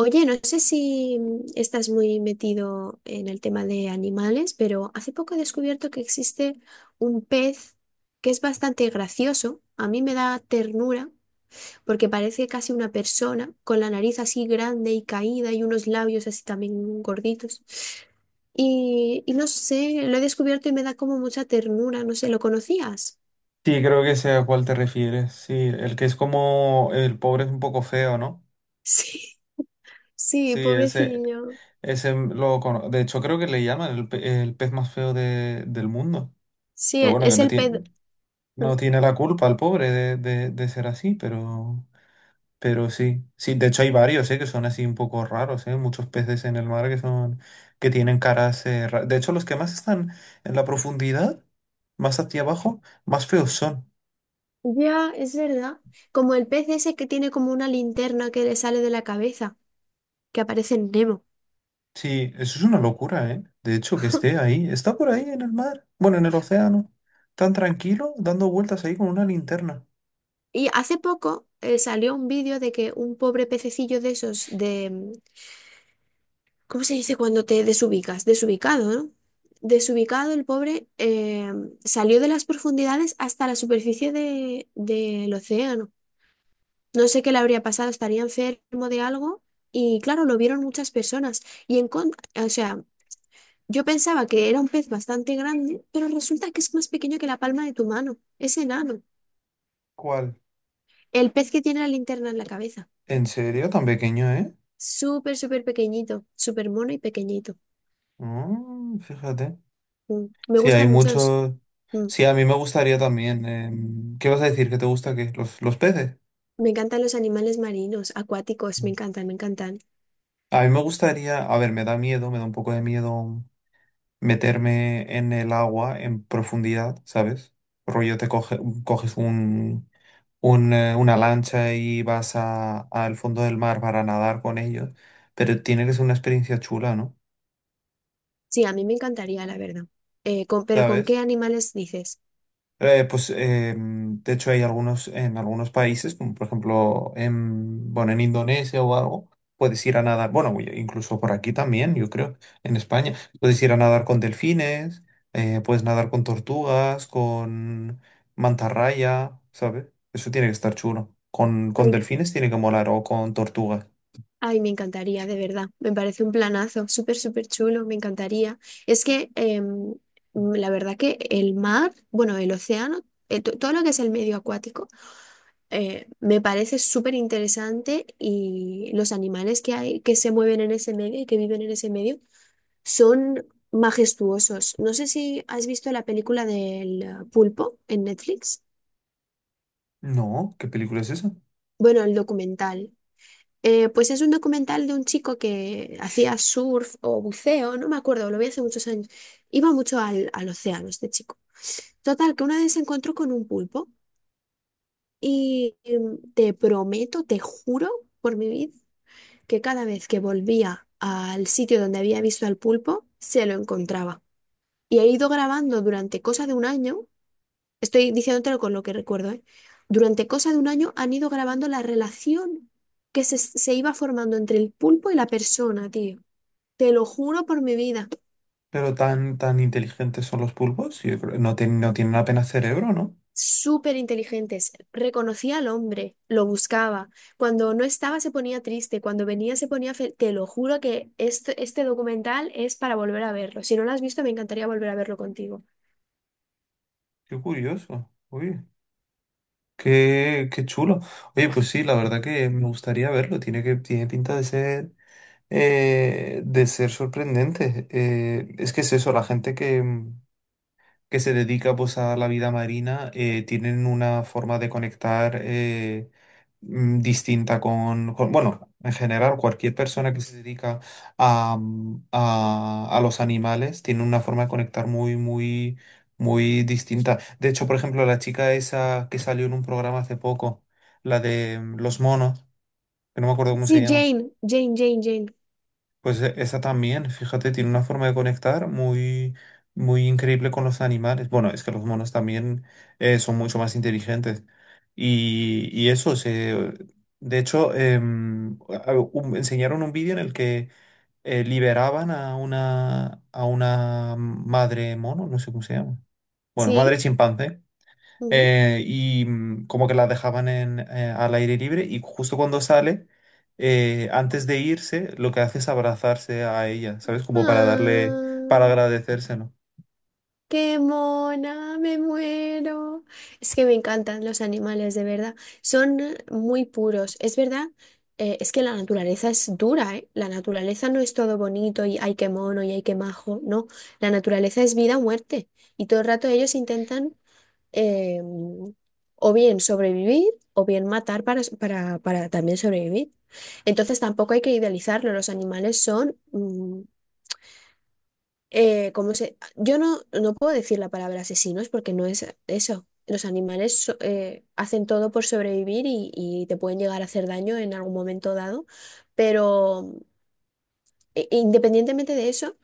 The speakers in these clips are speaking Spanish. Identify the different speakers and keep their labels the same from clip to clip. Speaker 1: Oye, no sé si estás muy metido en el tema de animales, pero hace poco he descubierto que existe un pez que es bastante gracioso. A mí me da ternura porque parece casi una persona con la nariz así grande y caída y unos labios así también gorditos. Y no sé, lo he descubierto y me da como mucha ternura. No sé, ¿lo conocías?
Speaker 2: Sí, creo que sé a cuál te refieres. Sí, el que es como el pobre es un poco feo, ¿no?
Speaker 1: Sí, sí,
Speaker 2: Sí, ese,
Speaker 1: pobrecillo.
Speaker 2: de hecho, creo que le llaman el pez más feo del mundo.
Speaker 1: Sí,
Speaker 2: Pero bueno, que
Speaker 1: es
Speaker 2: no
Speaker 1: el pez.
Speaker 2: tiene, no tiene la culpa el pobre de ser así, pero sí. Sí, de hecho hay varios, ¿eh? Que son así un poco raros, ¿eh? Muchos peces en el mar que son, que tienen caras, de hecho, los que más están en la profundidad, más hacia abajo, más feos son.
Speaker 1: Ya, es verdad. Como el pez ese que tiene como una linterna que le sale de la cabeza, que aparece en Nemo.
Speaker 2: Sí, eso es una locura, ¿eh? De hecho, que esté ahí, está por ahí en el mar, bueno, en el océano, tan tranquilo, dando vueltas ahí con una linterna.
Speaker 1: Y hace poco salió un vídeo de que un pobre pececillo de esos de, ¿cómo se dice cuando te desubicas? Desubicado, ¿no? Desubicado, el pobre salió de las profundidades hasta la superficie del océano. No sé qué le habría pasado, estaría enfermo de algo y claro, lo vieron muchas personas. Y en con- o sea, yo pensaba que era un pez bastante grande, pero resulta que es más pequeño que la palma de tu mano. Es enano.
Speaker 2: ¿Cuál?
Speaker 1: El pez que tiene la linterna en la cabeza.
Speaker 2: ¿En serio? Tan pequeño, ¿eh?
Speaker 1: Súper, súper pequeñito, súper mono y pequeñito.
Speaker 2: Mm, fíjate.
Speaker 1: Mm. Me
Speaker 2: Sí, hay
Speaker 1: gustan muchos.
Speaker 2: muchos. Sí, a mí me gustaría también. ¿Qué vas a decir? ¿Que te gusta qué? Los peces?
Speaker 1: Me encantan los animales marinos, acuáticos, me
Speaker 2: Mm.
Speaker 1: encantan, me encantan.
Speaker 2: A mí me gustaría. A ver, me da miedo, me da un poco de miedo meterme en el agua en profundidad, ¿sabes? Rollo, coges una lancha y vas a, al fondo del mar para nadar con ellos, pero tiene que ser una experiencia chula, ¿no?
Speaker 1: Sí, a mí me encantaría, la verdad. Pero ¿con qué
Speaker 2: ¿Sabes?
Speaker 1: animales dices?
Speaker 2: De hecho hay algunos, en algunos países, como por ejemplo bueno, en Indonesia o algo, puedes ir a nadar, bueno, y- incluso por aquí también, yo creo, en España, puedes ir a nadar con delfines, puedes nadar con tortugas, con mantarraya, ¿sabes? Eso tiene que estar chulo. Con
Speaker 1: Ay,
Speaker 2: delfines tiene que molar o con tortugas.
Speaker 1: ay, me encantaría, de verdad. Me parece un planazo, súper, súper chulo, me encantaría. Es que la verdad que el mar, bueno, el océano, todo lo que es el medio acuático, me parece súper interesante y los animales que hay, que se mueven en ese medio y que viven en ese medio. Son majestuosos. No sé si has visto la película del pulpo en Netflix.
Speaker 2: No, ¿qué película es esa?
Speaker 1: Bueno, el documental. Pues es un documental de un chico que hacía surf o buceo, no me acuerdo, lo vi hace muchos años. Iba mucho al océano este chico. Total, que una vez se encontró con un pulpo y te prometo, te juro por mi vida, que cada vez que volvía al sitio donde había visto al pulpo, se lo encontraba. Y he ido grabando durante cosa de un año. Estoy diciéndotelo con lo que recuerdo, ¿eh? Durante cosa de un año han ido grabando la relación que se iba formando entre el pulpo y la persona, tío. Te lo juro por mi vida.
Speaker 2: Pero tan, tan inteligentes son los pulpos. No, no tienen apenas cerebro, ¿no?
Speaker 1: Súper inteligentes. Reconocía al hombre, lo buscaba. Cuando no estaba se ponía triste, cuando venía se ponía feliz. Te lo juro que este documental es para volver a verlo. Si no lo has visto, me encantaría volver a verlo contigo.
Speaker 2: Qué curioso. Uy, qué, qué chulo. Oye, pues sí, la verdad que me gustaría verlo. Tiene pinta de ser sorprendente. Es que es eso, la gente que se dedica pues a la vida marina, tienen una forma de conectar. Distinta bueno, en general, cualquier persona que se dedica a los animales tiene una forma de conectar muy, muy, muy distinta. De hecho, por ejemplo, la chica esa que salió en un programa hace poco, la de los monos, que no me acuerdo cómo se
Speaker 1: Sí,
Speaker 2: llama.
Speaker 1: Jane, Jane.
Speaker 2: Pues esa también, fíjate, tiene una forma de conectar muy, muy increíble con los animales. Bueno, es que los monos también, son mucho más inteligentes. Y, y eso, se, de hecho, enseñaron un vídeo en el que liberaban a una madre mono, no sé cómo se llama. Bueno, madre
Speaker 1: Sí.
Speaker 2: chimpancé.
Speaker 1: Ujú.
Speaker 2: Como que la dejaban al aire libre y justo cuando sale, antes de irse, lo que hace es abrazarse a ella, ¿sabes? Como para darle, para
Speaker 1: Ah.
Speaker 2: agradecérselo.
Speaker 1: Qué mona, me muero. Es que me encantan los animales, de verdad. Son muy puros. Es verdad, es que la naturaleza es dura, ¿eh? La naturaleza no es todo bonito y ay, qué mono y ay, qué majo. No, la naturaleza es vida o muerte. Y todo el rato ellos intentan eh, o bien sobrevivir o bien matar para también sobrevivir. Entonces tampoco hay que idealizarlo. Los animales son ¿cómo se? Yo no puedo decir la palabra asesinos porque no es eso. Los hacen todo por sobrevivir y te pueden llegar a hacer daño en algún momento dado, pero independientemente de eso,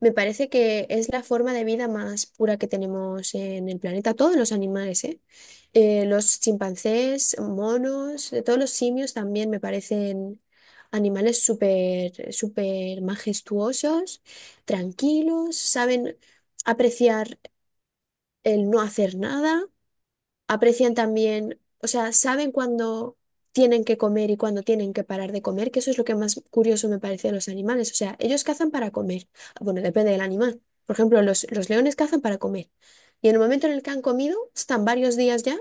Speaker 1: me parece que es la forma de vida más pura que tenemos en el planeta. Todos los animales, ¿eh? Los chimpancés, monos, todos los simios también me parecen animales súper, súper majestuosos, tranquilos, saben apreciar el no hacer nada, aprecian también, o sea, saben cuándo tienen que comer y cuándo tienen que parar de comer, que eso es lo que más curioso me parece de los animales. O sea, ellos cazan para comer. Ah, bueno, depende del animal. Por ejemplo, los leones cazan para comer. Y en el momento en el que han comido, están varios días ya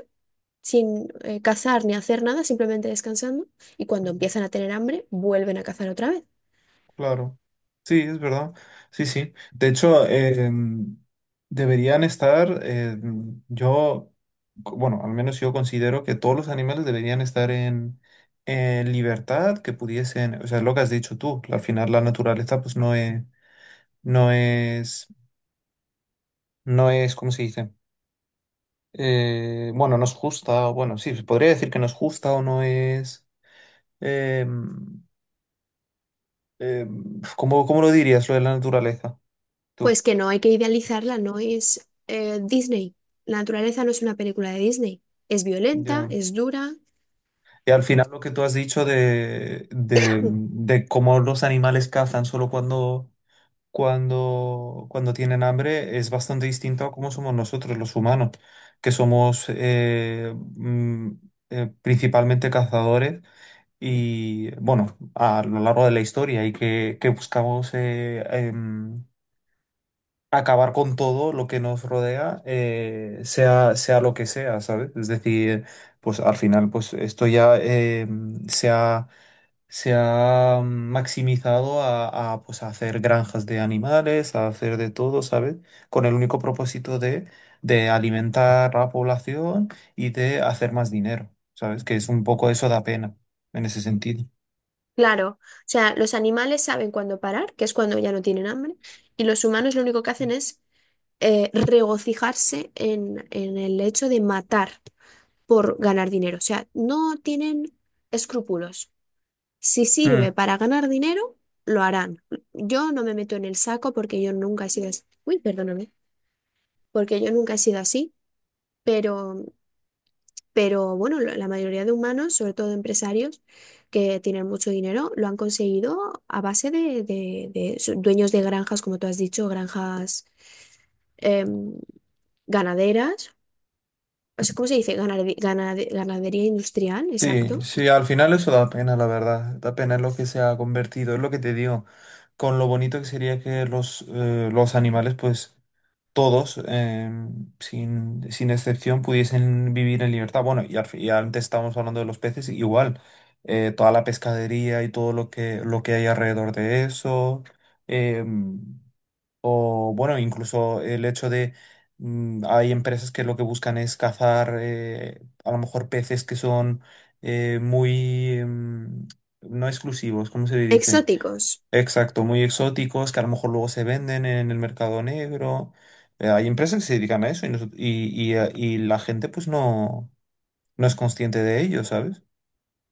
Speaker 1: sin cazar ni hacer nada, simplemente descansando. Y cuando
Speaker 2: Ujú.
Speaker 1: empiezan a tener hambre, vuelven a cazar otra vez.
Speaker 2: Claro. Sí, es verdad. Sí, sí. De hecho, mm, deberían estar, mm, yo, co- bueno, al menos yo considero que todos los animales deberían estar en libertad, que pudiesen, o sea, lo que has dicho tú, al final la naturaleza pues no es no es, ¿cómo se dice? Bueno, no es justa, o bueno, sí, se podría decir que no es justa o no es. em, ¿Cómo, cómo lo dirías lo de la naturaleza? Tú,
Speaker 1: Pues que no hay que idealizarla, no es Disney. La naturaleza no es una película de Disney. Es violenta,
Speaker 2: yo.
Speaker 1: es dura.
Speaker 2: Y al final lo que tú has dicho de cómo los animales cazan solo cuando tienen hambre es bastante distinto a cómo somos nosotros los humanos, que somos mm, principalmente cazadores. Y bueno, a lo largo de la historia y que buscamos em, acabar con todo lo que nos rodea, sea lo que sea, ¿sabes? Es decir, pues al final, pues esto ya, se ha maximizado pues, a hacer granjas de animales, a hacer de todo, ¿sabes? Con el único propósito de alimentar a la población y de hacer más dinero, ¿sabes? Que es un poco eso, da pena en ese sentido.
Speaker 1: Claro, o sea, los animales saben cuándo parar, que es cuando ya no tienen hambre, y los humanos lo único que hacen es regocijarse en el hecho de matar por ganar dinero. O sea, no tienen escrúpulos. Si sirve
Speaker 2: Mm.
Speaker 1: para ganar dinero, lo harán. Yo no me meto en el saco porque yo nunca he sido así. Uy, perdóname, porque yo nunca he sido así, pero. Pero bueno, la mayoría de humanos, sobre todo empresarios que tienen mucho dinero, lo han conseguido a base de dueños de granjas, como tú has dicho, granjas em, ganaderas. O sea, ¿cómo se dice? Ganadería industrial,
Speaker 2: Sí,
Speaker 1: exacto.
Speaker 2: sí, al final eso da pena, la verdad. Da pena lo que se ha convertido, es lo que te digo. Con lo bonito que sería que los animales, pues todos, sin excepción, pudiesen vivir en libertad. Bueno, y antes estábamos hablando de los peces, igual. Eh, toda la pescadería y todo lo que hay alrededor de eso. em, o bueno, incluso el hecho de, hay empresas que lo que buscan es cazar, a lo mejor peces que son, eh, muy mm, no exclusivos, ¿cómo se le dice?
Speaker 1: Exóticos,
Speaker 2: Exacto, muy exóticos, que a lo mejor luego se venden en el mercado negro. Hay empresas que se dedican a eso y la gente pues no es consciente de ello, ¿sabes?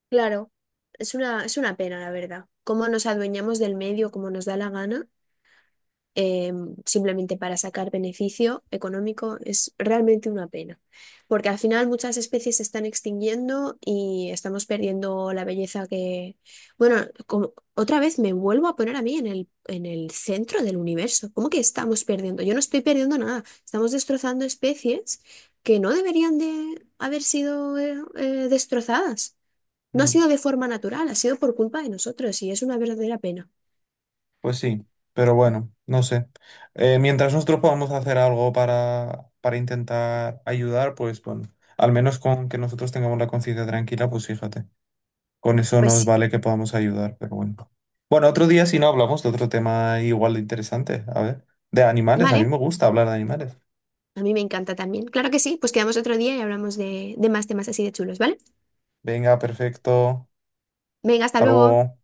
Speaker 1: claro. Es una pena, la verdad. Cómo nos adueñamos del medio, como nos da la gana. eh, Simplemente para sacar beneficio económico es realmente una pena, porque al final muchas especies se están extinguiendo y estamos perdiendo la belleza que... Bueno, otra vez me vuelvo a poner a mí en en el centro del universo. ¿Cómo que estamos perdiendo? Yo no estoy perdiendo nada, estamos destrozando especies que no deberían de haber sido destrozadas. No ha sido de forma natural, ha sido por culpa de nosotros y es una verdadera pena.
Speaker 2: Pues sí, pero bueno, no sé. Mientras nosotros podamos hacer algo para intentar ayudar, pues bueno, al menos con que nosotros tengamos la conciencia tranquila, pues fíjate, con eso
Speaker 1: Pues
Speaker 2: nos
Speaker 1: sí.
Speaker 2: vale que podamos ayudar, pero bueno. Bueno, otro día si no hablamos de otro tema igual de interesante, a ver, de animales, a mí
Speaker 1: Vale,
Speaker 2: me gusta hablar de animales.
Speaker 1: a mí me encanta también. Claro que sí, pues quedamos otro día y hablamos de más temas así de chulos, ¿vale?
Speaker 2: Venga, perfecto,
Speaker 1: Venga, hasta
Speaker 2: hasta
Speaker 1: luego.
Speaker 2: luego.